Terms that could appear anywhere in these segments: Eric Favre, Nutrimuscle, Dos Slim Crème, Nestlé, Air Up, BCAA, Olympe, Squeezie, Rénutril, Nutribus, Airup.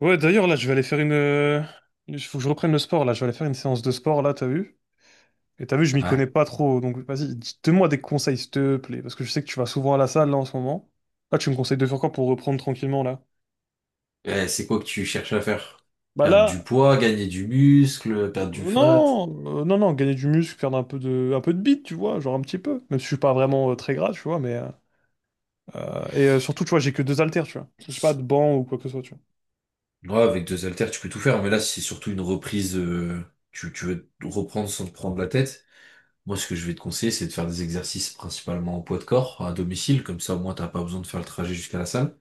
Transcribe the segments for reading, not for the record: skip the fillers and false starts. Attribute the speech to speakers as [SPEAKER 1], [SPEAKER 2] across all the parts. [SPEAKER 1] Ouais, d'ailleurs, là, je vais aller faire une. Il faut que je reprenne le sport, là. Je vais aller faire une séance de sport, là, t'as vu? Et t'as vu, je m'y
[SPEAKER 2] Ouais.
[SPEAKER 1] connais pas trop. Donc, vas-y, donne-moi des conseils, s'il te plaît. Parce que je sais que tu vas souvent à la salle, là, en ce moment. Là, tu me conseilles de faire quoi pour reprendre tranquillement, là?
[SPEAKER 2] C'est quoi que tu cherches à faire?
[SPEAKER 1] Bah
[SPEAKER 2] Perdre du
[SPEAKER 1] là,
[SPEAKER 2] poids, gagner du muscle,
[SPEAKER 1] euh,
[SPEAKER 2] perdre du fat?
[SPEAKER 1] non, non, non, gagner du muscle, faire un peu de bite, tu vois, genre un petit peu. Même si je suis pas vraiment très gras, tu vois, mais... Et surtout, tu vois, j'ai que deux haltères, tu vois. J'ai pas de banc ou quoi que ce soit, tu
[SPEAKER 2] Ouais, avec deux haltères, tu peux tout faire, mais là, c'est surtout une reprise. Tu veux te reprendre sans te prendre la tête. Moi, ce que je vais te conseiller, c'est de faire des exercices principalement en poids de corps, à domicile, comme ça, au moins, t'as pas besoin de faire le trajet jusqu'à la salle.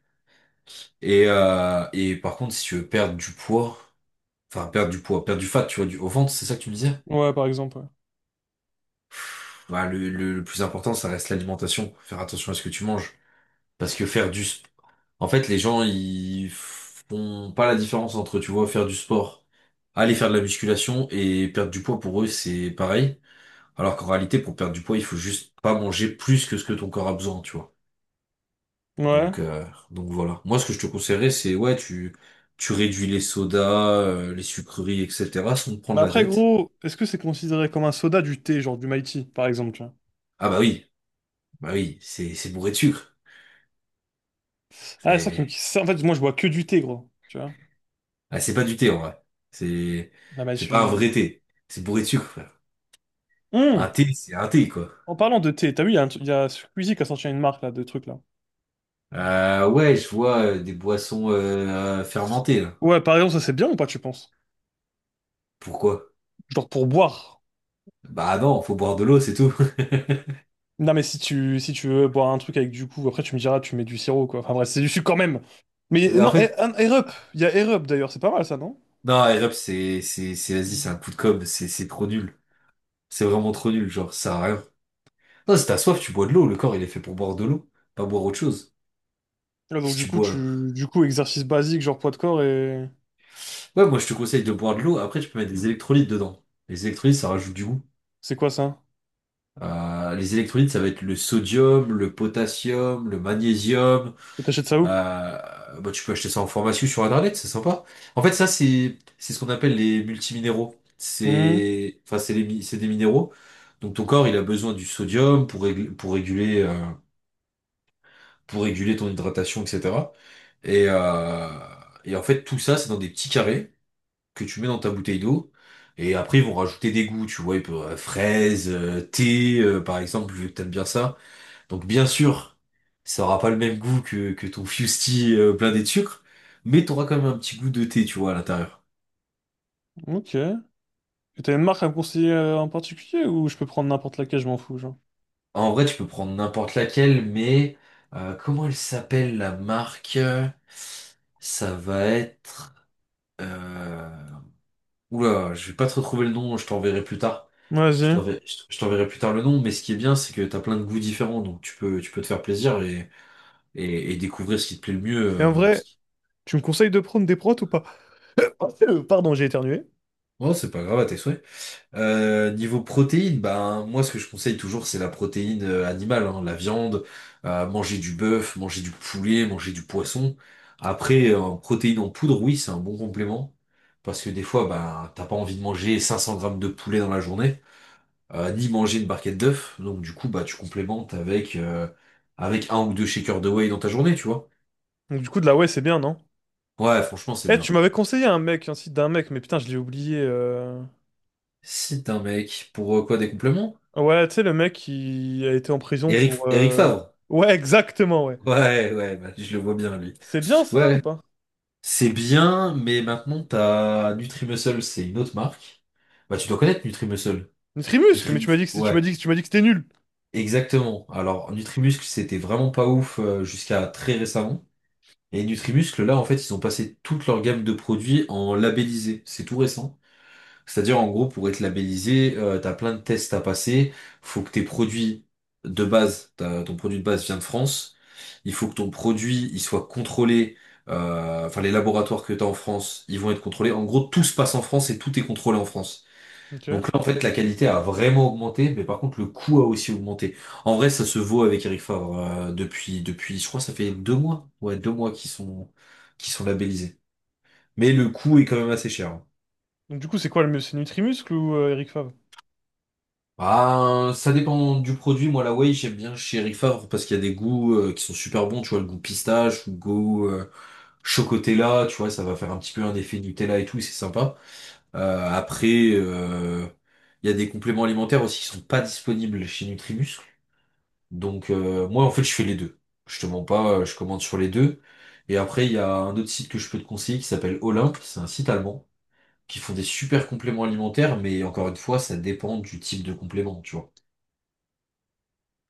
[SPEAKER 2] Et par contre, si tu veux perdre du poids, enfin, perdre du poids, perdre du fat, tu vois, du, au ventre, c'est ça que tu me disais?
[SPEAKER 1] vois. Ouais, par exemple,
[SPEAKER 2] Bah, le plus important, ça reste l'alimentation. Faire attention à ce que tu manges. Parce que faire du... sp- En fait, les gens, ils font pas la différence entre, tu vois, faire du sport, aller faire de la musculation et perdre du poids pour eux, c'est pareil. Alors qu'en réalité, pour perdre du poids, il faut juste pas manger plus que ce que ton corps a besoin, tu vois.
[SPEAKER 1] ouais. Ouais.
[SPEAKER 2] Donc, euh, donc, voilà. Moi, ce que je te conseillerais, c'est, ouais, tu réduis les sodas, les sucreries, etc., sans te
[SPEAKER 1] Mais
[SPEAKER 2] prendre la
[SPEAKER 1] après,
[SPEAKER 2] tête.
[SPEAKER 1] gros, est-ce que c'est considéré comme un soda du thé, genre du Mighty, par exemple?
[SPEAKER 2] Ah bah oui, c'est bourré de sucre.
[SPEAKER 1] Ah, c'est ça qui me...
[SPEAKER 2] C'est,
[SPEAKER 1] En fait, moi, je bois que du thé, gros. Tu vois?
[SPEAKER 2] c'est pas du thé, en vrai. C'est,
[SPEAKER 1] Là, bah,
[SPEAKER 2] c'est pas un vrai thé. C'est bourré de sucre. Un
[SPEAKER 1] Hum.
[SPEAKER 2] thé, c'est un thé, quoi.
[SPEAKER 1] En parlant de thé, t'as vu, il y a Squeezie qui a sorti une marque, là, de trucs, là.
[SPEAKER 2] Ouais, je vois des boissons fermentées, là.
[SPEAKER 1] Ouais, par exemple, ça, c'est bien ou pas, tu penses?
[SPEAKER 2] Pourquoi?
[SPEAKER 1] Genre pour boire.
[SPEAKER 2] Bah non, faut boire de l'eau, c'est tout.
[SPEAKER 1] Non, mais si tu veux boire un truc avec du coup, après, tu me diras, tu mets du sirop, quoi. Enfin, bref, c'est du sucre quand même. Mais
[SPEAKER 2] En
[SPEAKER 1] non,
[SPEAKER 2] fait,
[SPEAKER 1] Air Up. Il y a Air Up, d'ailleurs. C'est pas mal, ça, non?
[SPEAKER 2] non, Airup, c'est, vas-y, c'est un coup de com', c'est trop nul. C'est vraiment trop nul, genre, ça sert à rien. Non, si t'as soif, tu bois de l'eau, le corps, il est fait pour boire de l'eau, pas boire autre chose.
[SPEAKER 1] Là, donc,
[SPEAKER 2] Si
[SPEAKER 1] du
[SPEAKER 2] tu
[SPEAKER 1] coup,
[SPEAKER 2] bois.
[SPEAKER 1] tu... Du coup, exercice basique, genre poids de corps et...
[SPEAKER 2] Ouais, moi, je te conseille de boire de l'eau, après, tu peux mettre des électrolytes dedans. Les électrolytes, ça rajoute du goût.
[SPEAKER 1] C'est quoi, ça?
[SPEAKER 2] Les électrolytes, ça va être le sodium, le potassium, le magnésium.
[SPEAKER 1] Et t'achètes ça où?
[SPEAKER 2] Bah, tu peux acheter ça en formation sur Internet, c'est sympa. En fait, ça, c'est ce qu'on appelle les multiminéraux.
[SPEAKER 1] Hmm.
[SPEAKER 2] C'est, enfin, c'est des minéraux. Donc ton corps, il a besoin du sodium pour réguler ton hydratation, etc. Et euh, et en fait, tout ça, c'est dans des petits carrés que tu mets dans ta bouteille d'eau. Et après, ils vont rajouter des goûts, tu vois, ils peuvent, fraises, thé, par exemple, vu que t'aimes bien ça. Donc bien sûr, ça aura pas le même goût que ton fusti blindé de sucre, mais t'auras quand même un petit goût de thé, tu vois, à l'intérieur.
[SPEAKER 1] Ok. Et t'as une marque à me conseiller en particulier, ou je peux prendre n'importe laquelle, je m'en fous, genre?
[SPEAKER 2] En vrai, tu peux prendre n'importe laquelle, mais comment elle s'appelle la marque? Ça va être. Euh... Oula, je vais pas te retrouver le nom, je t'enverrai plus tard.
[SPEAKER 1] Vas-y.
[SPEAKER 2] Je t'enverrai plus tard le nom, mais ce qui est bien, c'est que t'as plein de goûts différents, donc tu peux te faire plaisir et découvrir ce qui te plaît le mieux.
[SPEAKER 1] Et en vrai, tu me conseilles de prendre des prods ou pas? Pardon, j'ai éternué.
[SPEAKER 2] Oh, c'est pas grave, à tes souhaits. Niveau protéines, ben moi ce que je conseille toujours c'est la protéine animale, hein, la viande. Manger du bœuf, manger du poulet, manger du poisson. Après, en protéines en poudre, oui, c'est un bon complément. Parce que des fois, ben, t'as pas envie de manger 500 grammes de poulet dans la journée, ni manger une barquette d'œufs. Donc du coup, bah tu complémentes avec un ou deux shakers de whey dans ta journée, tu vois.
[SPEAKER 1] Donc du coup, de la ouais, c'est bien, non?
[SPEAKER 2] Ouais, franchement, c'est
[SPEAKER 1] Eh, tu
[SPEAKER 2] bien.
[SPEAKER 1] m'avais conseillé un mec, un site d'un mec, mais putain, je l'ai oublié.
[SPEAKER 2] Si t'es un mec, pour quoi des compléments?
[SPEAKER 1] Ouais, tu sais, le mec qui a été en prison
[SPEAKER 2] Eric,
[SPEAKER 1] pour...
[SPEAKER 2] Eric Favre.
[SPEAKER 1] Ouais, exactement, ouais.
[SPEAKER 2] Ouais, ouais, bah, je le vois bien lui.
[SPEAKER 1] C'est bien ça ou
[SPEAKER 2] Ouais.
[SPEAKER 1] pas?
[SPEAKER 2] C'est bien, mais maintenant t'as Nutrimuscle, c'est une autre marque. Bah tu dois connaître Nutrimuscle.
[SPEAKER 1] Nutrimuscle, mais
[SPEAKER 2] Nutrimuscle,
[SPEAKER 1] tu m'as
[SPEAKER 2] ouais,
[SPEAKER 1] dit que tu m'as dit que c'était nul.
[SPEAKER 2] exactement. Alors Nutrimuscle, c'était vraiment pas ouf jusqu'à très récemment. Et Nutrimuscle, là en fait, ils ont passé toute leur gamme de produits en labellisé. C'est tout récent. C'est-à-dire en gros, pour être labellisé, t'as plein de tests à passer. Faut que tes produits de base, ton produit de base vient de France. Il faut que ton produit, il soit contrôlé. Enfin, les laboratoires que tu as en France, ils vont être contrôlés. En gros, tout se passe en France et tout est contrôlé en France.
[SPEAKER 1] Ok.
[SPEAKER 2] Donc là, en fait, la qualité a vraiment augmenté, mais par contre, le coût a aussi augmenté. En vrai, ça se vaut avec Eric Favre depuis, je crois, que ça fait 2 mois. Ouais, 2 mois qu'ils sont labellisés. Mais le coût est quand même assez cher, hein.
[SPEAKER 1] Donc du coup, c'est quoi le mieux? C'est Nutrimuscle ou Eric Favre?
[SPEAKER 2] Ah, ça dépend du produit. Moi, la whey, j'aime bien chez Eric Favre parce qu'il y a des goûts qui sont super bons. Tu vois, le goût pistache ou le goût chocotella, tu vois, ça va faire un petit peu un effet Nutella et tout, c'est sympa. Après, il y a des compléments alimentaires aussi qui sont pas disponibles chez Nutrimuscle. Donc, moi, en fait, je fais les deux. Je te mens pas, je commande sur les deux. Et après, il y a un autre site que je peux te conseiller qui s'appelle Olympe. C'est un site allemand qui font des super compléments alimentaires, mais encore une fois, ça dépend du type de complément, tu vois.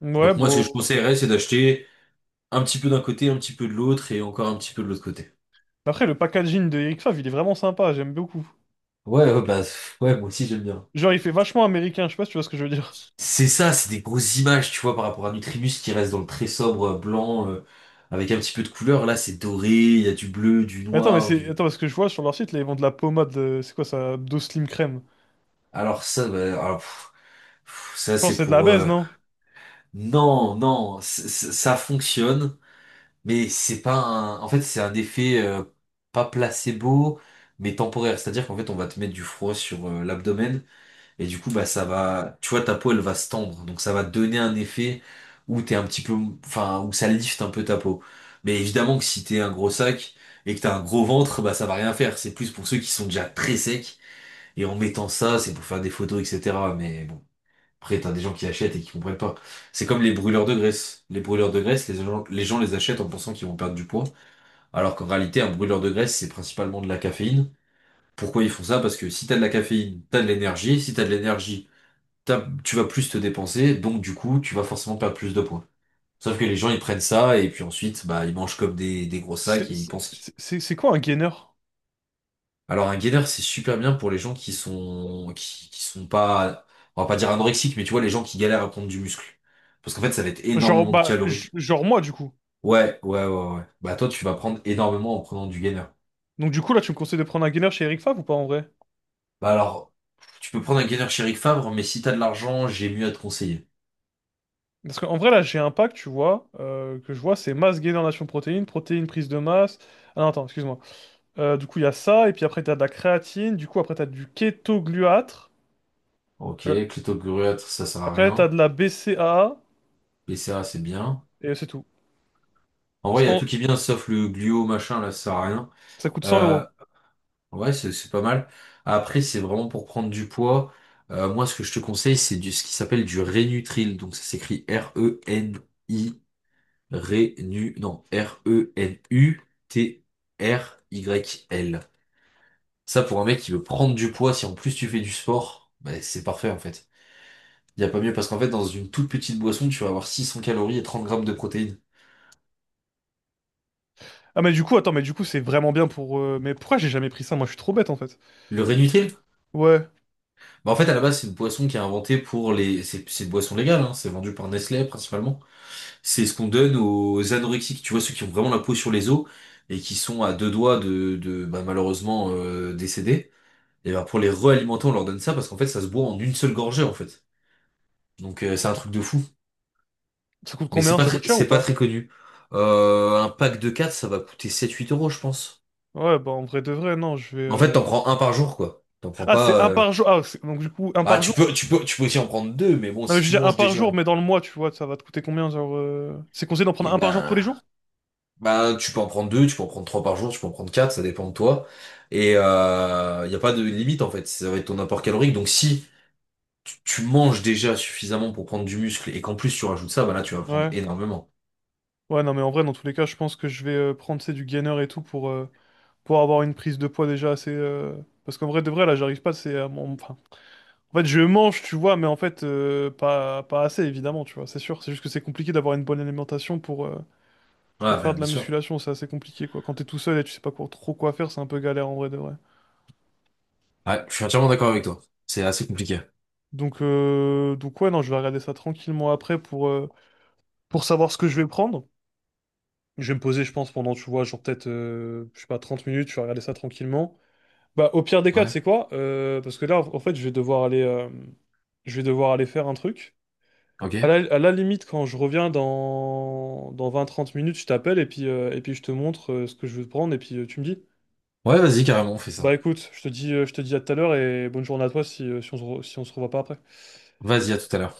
[SPEAKER 1] Ouais,
[SPEAKER 2] Donc moi, ce que je
[SPEAKER 1] bon...
[SPEAKER 2] conseillerais, c'est d'acheter un petit peu d'un côté, un petit peu de l'autre et encore un petit peu de l'autre côté.
[SPEAKER 1] Après, le packaging de Eric Favre, il est vraiment sympa, j'aime beaucoup.
[SPEAKER 2] Ouais, ouais, bah, ouais, moi aussi j'aime bien.
[SPEAKER 1] Genre, il fait vachement américain, je sais pas si tu vois ce que je veux dire.
[SPEAKER 2] C'est ça, c'est des grosses images, tu vois, par rapport à Nutribus qui reste dans le très sobre blanc, avec un petit peu de couleur. Là, c'est doré, il y a du bleu, du
[SPEAKER 1] Mais attends, mais
[SPEAKER 2] noir,
[SPEAKER 1] c'est...
[SPEAKER 2] du.
[SPEAKER 1] Attends, parce que je vois sur leur site, là, ils vendent de la pommade, c'est quoi ça? Dos Slim Crème.
[SPEAKER 2] Alors ça, bah, alors, pff, pff,
[SPEAKER 1] Je
[SPEAKER 2] ça
[SPEAKER 1] pense
[SPEAKER 2] c'est
[SPEAKER 1] que c'est de la
[SPEAKER 2] pour.
[SPEAKER 1] baise, non?
[SPEAKER 2] Non, non, ça fonctionne, mais c'est pas un. En fait, c'est un effet pas placebo, mais temporaire. C'est-à-dire qu'en fait, on va te mettre du froid sur l'abdomen. Et du coup, bah, ça va, tu vois, ta peau, elle va se tendre. Donc, ça va donner un effet où t'es un petit peu, enfin, où ça lifte un peu ta peau. Mais évidemment que si t'es un gros sac et que t'as un gros ventre, bah, ça va rien faire. C'est plus pour ceux qui sont déjà très secs. Et en mettant ça, c'est pour faire des photos, etc. Mais bon. Après, t'as des gens qui achètent et qui comprennent pas. C'est comme les brûleurs de graisse. Les brûleurs de graisse, les gens les achètent en pensant qu'ils vont perdre du poids. Alors qu'en réalité, un brûleur de graisse, c'est principalement de la caféine. Pourquoi ils font ça? Parce que si t'as de la caféine, t'as de l'énergie. Si t'as de l'énergie, tu vas plus te dépenser, donc du coup, tu vas forcément perdre plus de points. Sauf que les gens, ils prennent ça, et puis ensuite, bah, ils mangent comme des gros sacs,
[SPEAKER 1] C'est
[SPEAKER 2] et ils
[SPEAKER 1] c'est-
[SPEAKER 2] pensent.
[SPEAKER 1] c'est- c'est quoi un gainer?
[SPEAKER 2] Alors, un gainer, c'est super bien pour les gens qui sont pas, on va pas dire anorexiques, mais tu vois, les gens qui galèrent à prendre du muscle. Parce qu'en fait, ça va être
[SPEAKER 1] Genre,
[SPEAKER 2] énormément de
[SPEAKER 1] bah,
[SPEAKER 2] calories.
[SPEAKER 1] genre moi, du coup.
[SPEAKER 2] Ouais, ouais, ouais, ouais. Bah, toi, tu vas prendre énormément en prenant du gainer.
[SPEAKER 1] Donc du coup, là, tu me conseilles de prendre un gainer chez Eric Fav ou pas, en vrai?
[SPEAKER 2] Bah, alors, tu peux prendre un gainer chez Rick Favre, mais si t'as de l'argent, j'ai mieux à te conseiller.
[SPEAKER 1] Parce qu'en vrai, là, j'ai un pack, tu vois, que je vois, c'est masse gainer nation protéines, prise de masse... Ah non, attends, excuse-moi. Du coup, il y a ça, et puis après, t'as de la créatine, du coup, après, t'as du kétogluâtre,
[SPEAKER 2] Ok, Cléto Gruet, ça sert à
[SPEAKER 1] après, t'as
[SPEAKER 2] rien.
[SPEAKER 1] de la BCAA,
[SPEAKER 2] BCA, c'est bien.
[SPEAKER 1] et c'est tout.
[SPEAKER 2] En vrai, il y a
[SPEAKER 1] 100...
[SPEAKER 2] tout qui est bien, sauf le gluo, machin, là, ça sert à rien.
[SPEAKER 1] Ça coûte 100
[SPEAKER 2] Euh,
[SPEAKER 1] euros.
[SPEAKER 2] ouais, c'est pas mal. Après, c'est vraiment pour prendre du poids. Moi, ce que je te conseille, ce qui s'appelle du Rénutril. Donc, ça s'écrit R-E-N-I, Rénu, non, Renutryl. Ça, pour un mec qui veut prendre du poids, si en plus tu fais du sport, bah, c'est parfait, en fait. Il n'y a pas mieux, parce qu'en fait, dans une toute petite boisson, tu vas avoir 600 calories et 30 grammes de protéines.
[SPEAKER 1] Ah mais du coup, attends, mais du coup, c'est vraiment bien pour... Mais pourquoi j'ai jamais pris ça? Moi, je suis trop bête, en fait.
[SPEAKER 2] Le Rénutril,
[SPEAKER 1] Ouais.
[SPEAKER 2] bah en fait, à la base, c'est une boisson qui est inventée pour les. C'est une boisson légale, hein, c'est vendu par Nestlé principalement. C'est ce qu'on donne aux anorexiques, tu vois, ceux qui ont vraiment la peau sur les os et qui sont à deux doigts de bah, malheureusement décédés. Et bah, pour les réalimenter, on leur donne ça parce qu'en fait, ça se boit en une seule gorgée en fait. Donc c'est un truc de fou.
[SPEAKER 1] Ça coûte
[SPEAKER 2] Mais c'est
[SPEAKER 1] combien?
[SPEAKER 2] pas
[SPEAKER 1] Ça coûte
[SPEAKER 2] très,
[SPEAKER 1] cher ou
[SPEAKER 2] c'est pas
[SPEAKER 1] pas?
[SPEAKER 2] très connu. Un pack de 4, ça va coûter 7-8 euros, je pense.
[SPEAKER 1] Ouais, bah en vrai de vrai, non, je vais...
[SPEAKER 2] En fait, t'en prends un par jour, quoi. T'en prends
[SPEAKER 1] Ah,
[SPEAKER 2] pas.
[SPEAKER 1] c'est un par jour. Ah, donc du coup, un
[SPEAKER 2] Bah,
[SPEAKER 1] par
[SPEAKER 2] tu
[SPEAKER 1] jour.
[SPEAKER 2] peux, tu peux, tu peux aussi en prendre deux, mais bon,
[SPEAKER 1] Non, mais
[SPEAKER 2] si
[SPEAKER 1] je veux
[SPEAKER 2] tu
[SPEAKER 1] dire un
[SPEAKER 2] manges
[SPEAKER 1] par
[SPEAKER 2] déjà,
[SPEAKER 1] jour, mais dans le mois, tu vois, ça va te coûter combien, genre... C'est conseillé d'en
[SPEAKER 2] et
[SPEAKER 1] prendre un par jour tous les
[SPEAKER 2] ben.
[SPEAKER 1] jours?
[SPEAKER 2] Bah, tu peux en prendre deux, tu peux en prendre 3 par jour, tu peux en prendre quatre, ça dépend de toi. Et il n'y a pas de limite en fait, ça va être ton apport calorique. Donc si tu manges déjà suffisamment pour prendre du muscle et qu'en plus tu rajoutes ça, bah là tu vas prendre
[SPEAKER 1] Ouais.
[SPEAKER 2] énormément.
[SPEAKER 1] Ouais, non, mais en vrai, dans tous les cas, je pense que je vais prendre, c'est du gainer et tout pour avoir une prise de poids déjà assez... Parce qu'en vrai de vrai, là, j'arrive pas, c'est... Enfin, en fait, je mange, tu vois, mais en fait, pas assez, évidemment, tu vois, c'est sûr. C'est juste que c'est compliqué d'avoir une bonne alimentation pour
[SPEAKER 2] Ouais,
[SPEAKER 1] faire
[SPEAKER 2] ben
[SPEAKER 1] de
[SPEAKER 2] bien
[SPEAKER 1] la
[SPEAKER 2] sûr.
[SPEAKER 1] musculation, c'est assez compliqué, quoi. Quand t'es tout seul et tu sais pas trop quoi faire, c'est un peu galère en vrai de vrai.
[SPEAKER 2] Ouais, je suis entièrement d'accord avec toi. C'est assez compliqué.
[SPEAKER 1] Donc ouais, non, je vais regarder ça tranquillement après pour savoir ce que je vais prendre. Je vais me poser, je pense, pendant, tu vois, genre peut-être, je sais pas, 30 minutes, je vais regarder ça tranquillement. Bah, au pire des cas, tu
[SPEAKER 2] Ouais,
[SPEAKER 1] sais quoi? Parce que là, en fait, je vais devoir aller, je vais devoir aller faire un truc. À
[SPEAKER 2] ok.
[SPEAKER 1] la, à la limite, quand je reviens dans 20 30 minutes, je t'appelle et puis je te montre ce que je veux prendre et puis tu me dis.
[SPEAKER 2] Ouais, vas-y, carrément, on fait
[SPEAKER 1] Bah
[SPEAKER 2] ça.
[SPEAKER 1] écoute, je te dis à tout à l'heure et bonne journée à toi si on se revoit pas après.
[SPEAKER 2] Vas-y, à tout à l'heure.